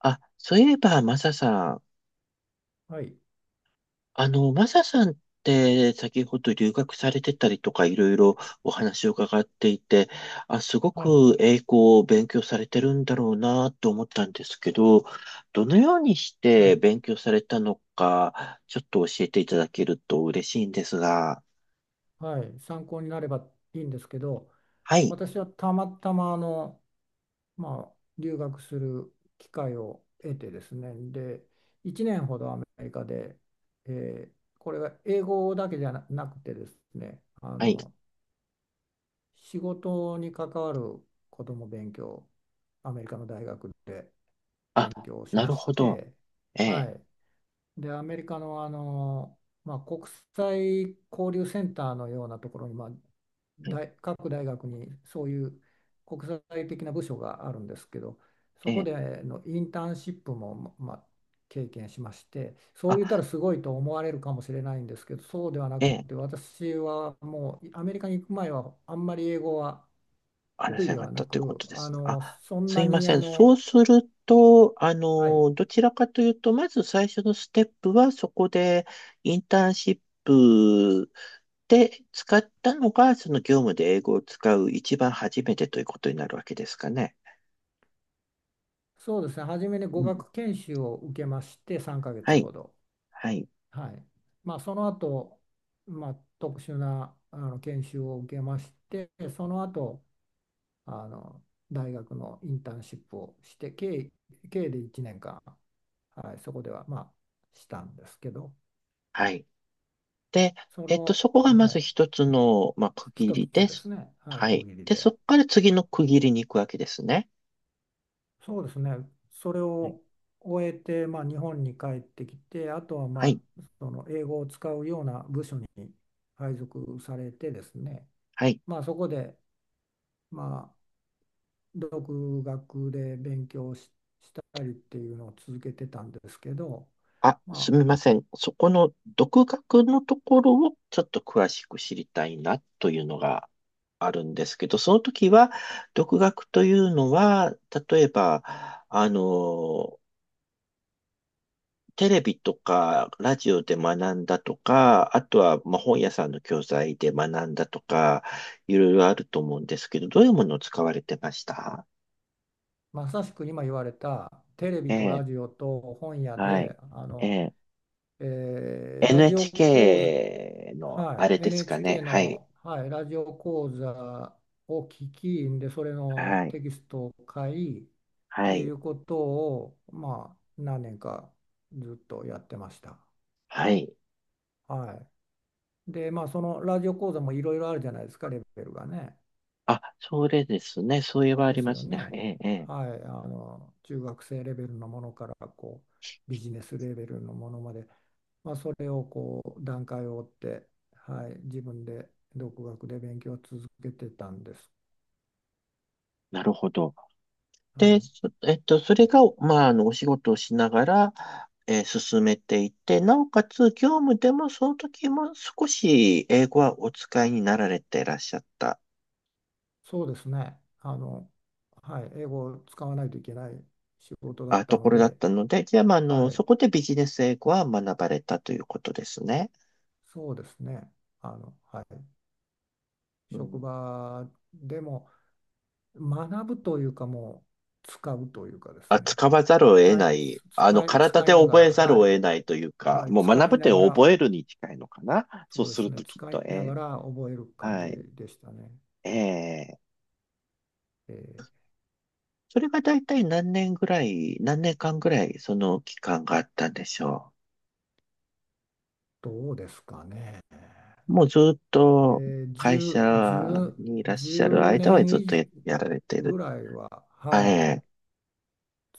あ、そういえば、マサさん。はい、マサさんって先ほど留学されてたりとかいろいろお話を伺っていて、あ、すごはい、く英語を勉強されてるんだろうなと思ったんですけど、どのようにしはてい、勉強されたのか、ちょっと教えていただけると嬉しいんですが。はい、参考になればいいんですけど、はい、私はたまたま留学する機会を得てですね、で、1年ほどアメリカで、これが英語だけじゃななくてですね、はい。仕事に関わることも勉強、アメリカの大学であ、勉強しなまるしほど。て、えはえ、い、で、アメリカの、国際交流センターのようなところに、はい、各大学にそういう国際的な部署があるんですけど、そえこえ、でのインターンシップも、経験しまして、そう言ったあ、らすごいと思われるかもしれないんですけど、そうではなえくえ。て、私はもうアメリカに行く前はあんまり英語は話得意せなでかっはなたというこく、とであすね。あ、の、そんすないまにせあん。そうの、すると、はい、どちらかというと、まず最初のステップは、そこでインターンシップで使ったのが、その業務で英語を使う一番初めてということになるわけですかね。そうですね、初めに語うん。学研修を受けまして、3ヶは月い。ほど。はい。はい。その後、特殊な研修を受けまして、その後、あの大学のインターンシップをして、計で1年間、はい、そこでは、したんですけど、はい。で、そこがまはずい、一つの、まあ、区切一りつでですす。ね、はい、は区い。切りで、そで。こから次はい、の区切りに行くわけですね。そうですね。それはい。を終えて、日本に帰ってきて、あとは、はい。その英語を使うような部署に配属されてですね、はい。まあ、そこで、まあ、独学で勉強し、したりっていうのを続けてたんですけど、あ、ますあ、みません。そこの独学のところをちょっと詳しく知りたいなというのがあるんですけど、その時は、独学というのは、例えば、あの、テレビとかラジオで学んだとか、あとはまあ本屋さんの教材で学んだとか、いろいろあると思うんですけど、どういうものを使われてました？まさしく今言われたテレえビとラえ、ジオと本屋はい。でええ、ラジオ講 NHK のあはれい、ですかね。NHK はい。の、はい、ラジオ講座を聞きで、それのはい。テキストを買いっはていい。うことを、何年かずっとやってました。はい。はい。で、そのラジオ講座もいろいろあるじゃないですか、レベルがね。あ、それですね。そういえばあでりすまよすね。えね。え、ええ。はい、中学生レベルのものから、こう、ビジネスレベルのものまで、それをこう、段階を追って、はい、自分で独学で勉強を続けてたんです。なるほど。はで、い、そえっと、それが、まあ、お仕事をしながら、進めていて、なおかつ、業務でも、その時も少し英語はお使いになられていらっしゃった、そうですね。はい、英語を使わないといけない仕事だっあ、たとのころだっで、たので、じゃあ、まあ、はそい、こでビジネス英語は学ばれたということですね。そうですね。はい、う職ん。場でも学ぶというか、もう使うというかですあ、ね。使わざるを得使ない、い、体使でいなが覚ら、えざるはをい、得ないというか、はい、もう使学ぶいっなてが覚ら、えるに近いのかな。そうそうですするね、ときっ使いと、ながええ、ら覚える感じはい。でしたね。ええ。えーそれが大体何年ぐらい、何年間ぐらいその期間があったんでしょどうですかね。う。もうずっと会社10、にいらっ1しゃる間は年ずっと以やられて上る。ぐらいは、えはい、え。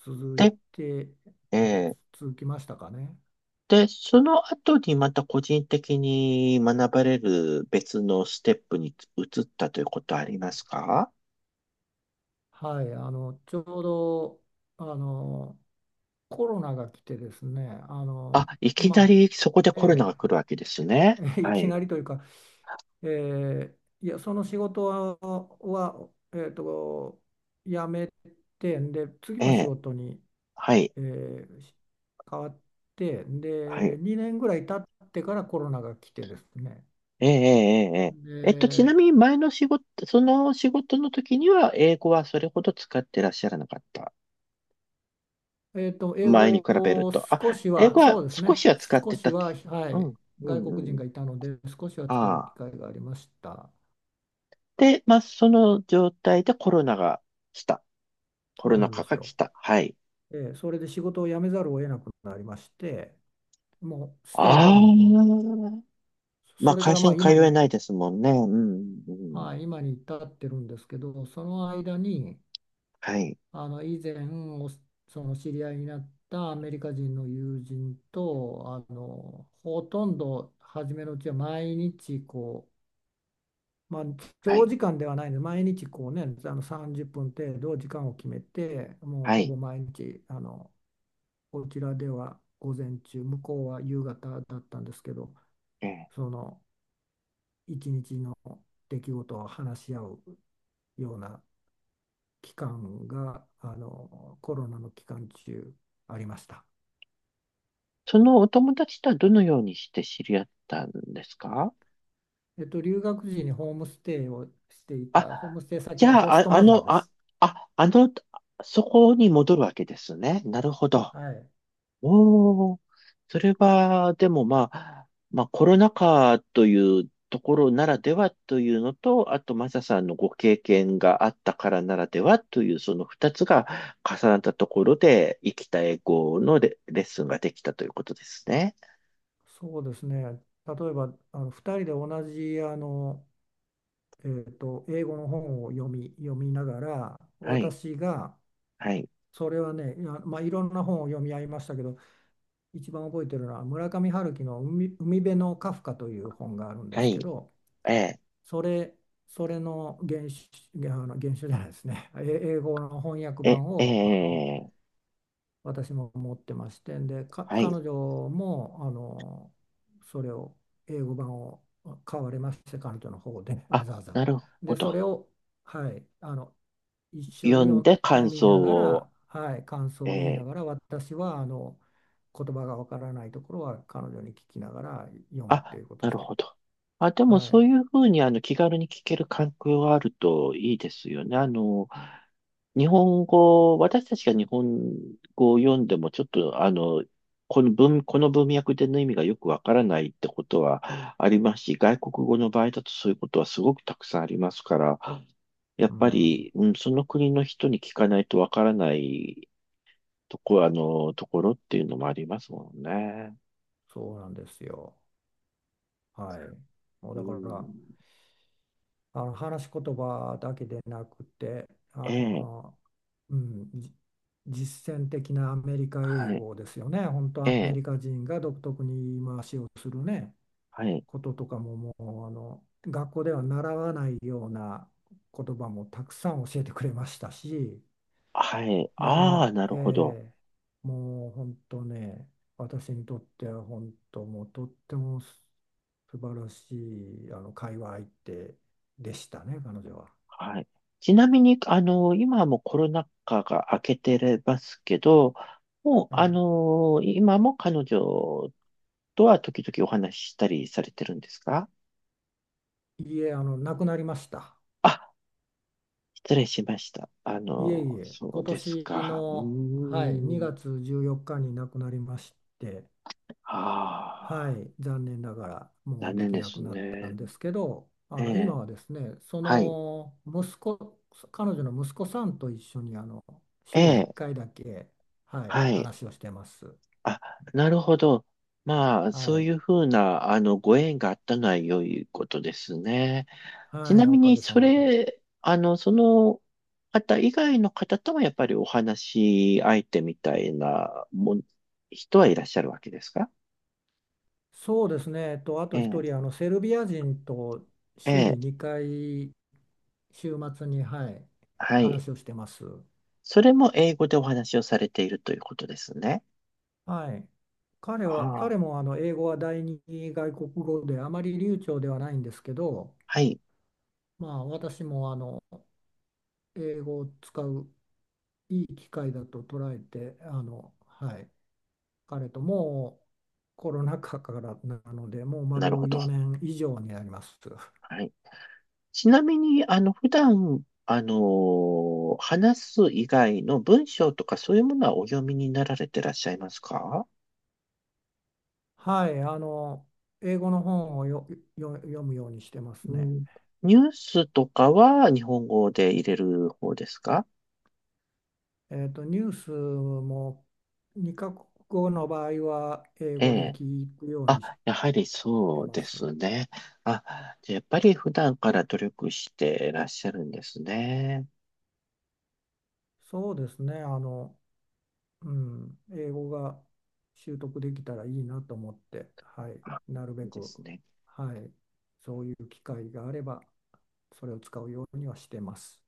続いで、て、えで、え。続きましたかね。で、その後にまた個人的に学ばれる別のステップに移ったということはありますか？はい、あの、ちょうど、あの、コロナが来てですね、あ、いきなまあ、りそこでコロナえが来るわけですね。え いはきい。なりというか、ええ、いや、その仕事は、はえっと、辞めて、で、次えの仕え。事にはい。えーし変わってはでい。2年ぐらい経ってからコロナが来てですね、ええ、ええ、ええ。ちなで、みに前の仕事、その仕事の時には、英語はそれほど使ってらっしゃらなかった。英前に比語べるをと。少あ、し英は、語そはうです少しね、は使っ少てしたけ。は、はうん、い、う外ん、国う人ん。がいたので少しは使う機ああ。会がありました。で、まあ、その状態でコロナが来た。コそロうナなんで禍すがよ、来た。はい。それで仕事を辞めざるを得なくなりまして、もうステイあホームを、あ。まそあ、れか会ら社に通今えに、ないですもんね。うん、うん、うん。はい、今に至ってるんですけど、その間にはい、以前その知り合いになったアメリカ人の友人とほとんど初めのうちは毎日こう、は長い、時間ではないので毎日こうね30分程度時間を決めてもうはほい。ぼ毎日こちらでは午前中向こうは夕方だったんですけど、ええ。その一日の出来事を話し合うような期間がコロナの期間中ありました。そのお友達とはどのようにして知り合ったんですか？留学時にホームステイをしていあ、た、ホームステイじ先のゃホあ、ストあ、マザーであ、す。あ、そこに戻るわけですね。なるほど。はい。おー、それは、でもまあ、まあコロナ禍というところならではというのと、あとマサさんのご経験があったからならではという、その二つが重なったところで、生きた英語のレッスンができたということですね。そうですね。例えば、2人で同じ、英語の本を読みながら、はい、私が、はい、それはね、いや、いろんな本を読み合いましたけど、一番覚えてるのは、村上春樹の海辺のカフカという本があるんではすけい、ど、えそれ、それの原種、原種じゃないですね、英語の翻訳ー、え、版えを、ー、私も持ってましてでかはい。彼女もそれを英語版を買われまして、彼女の方で わあ、ざわざ、なるほでそど。れを、はい、一緒読にんで読感み想ながを、ら、はい、感想を言いえなーがら、私は言葉がわからないところは彼女に聞きながら読むってあ、いうことをなしるて、ほど。あ、でもはそうい、いうふうに気軽に聞ける環境があるといいですよね。日本語、私たちが日本語を読んでもちょっとこの文脈での意味がよくわからないってことはありますし、外国語の場合だとそういうことはすごくたくさんありますから、やっうぱん、り、うん、その国の人に聞かないとわからないところっていうのもありますもんね。そうなんですよ。はい、もううだかん、ら話し言葉だけでなくてええ、うん、実践的なアメリカ英はい、語ですよね。本当えアメえ、リカ人が独特に言い回しをするね、はい、こととかも、もう学校では習わないような言葉もたくさん教えてくれましたし、はい、ああ、もなう、るほど。えーもう本当ね、私にとっては本当もうとっても素晴らしい会話相手でしたね、彼女は。はい。ちなみに、今はもうコロナ禍が明けてますけど、もう、え今も彼女とは時々お話ししたりされてるんですか？え、いえ、亡くなりました。あ、失礼しました。いえいえ、そ今うです年か。うの、ーはい、2ん。月14日に亡くなりまして、あはあ、い、残念ながらも残うで念きでなすくなったんね。ですけど、え今え、はですね、そはい、の息子、彼女の息子さんと一緒に、え週に1え、回だけ、はい、はい。話をしてます。あ、なるほど。まあ、そはういい、うふうな、ご縁があったのは良いことですね。ちはない、おみかに、げさそまで。れ、その方以外の方ともやっぱりお話し相手みたいな人はいらっしゃるわけですか？そうですね、あえと一え、人、セルビア人とえ週にえ、2回、週末に、はい、はい。話をしてます。それも英語でお話をされているということですね。はい。あ彼あ、も英語は第二外国語であまり流暢ではないんですけど、はい。私も英語を使ういい機会だと捉えて、はい、彼ともうコロナ禍からなので、もうなるほ丸ど。4年以上になります。はい。ちなみに、普段、話す以外の文章とかそういうものはお読みになられてらっしゃいますか？はい、英語の本を読むようにしてますうね。ん。ニュースとかは日本語で入れる方ですか？ニュースも2カ国語の場合は英え語でえ。聞くようあ、にしやはりてそうまです。すね。あ、じゃあやっぱり普段から努力してらっしゃるんですね。そうですね、英語が習得できたらいいなと思って、はい、あ、なるいべいでく、すね。はい、そういう機会があれば、それを使うようにはしてます。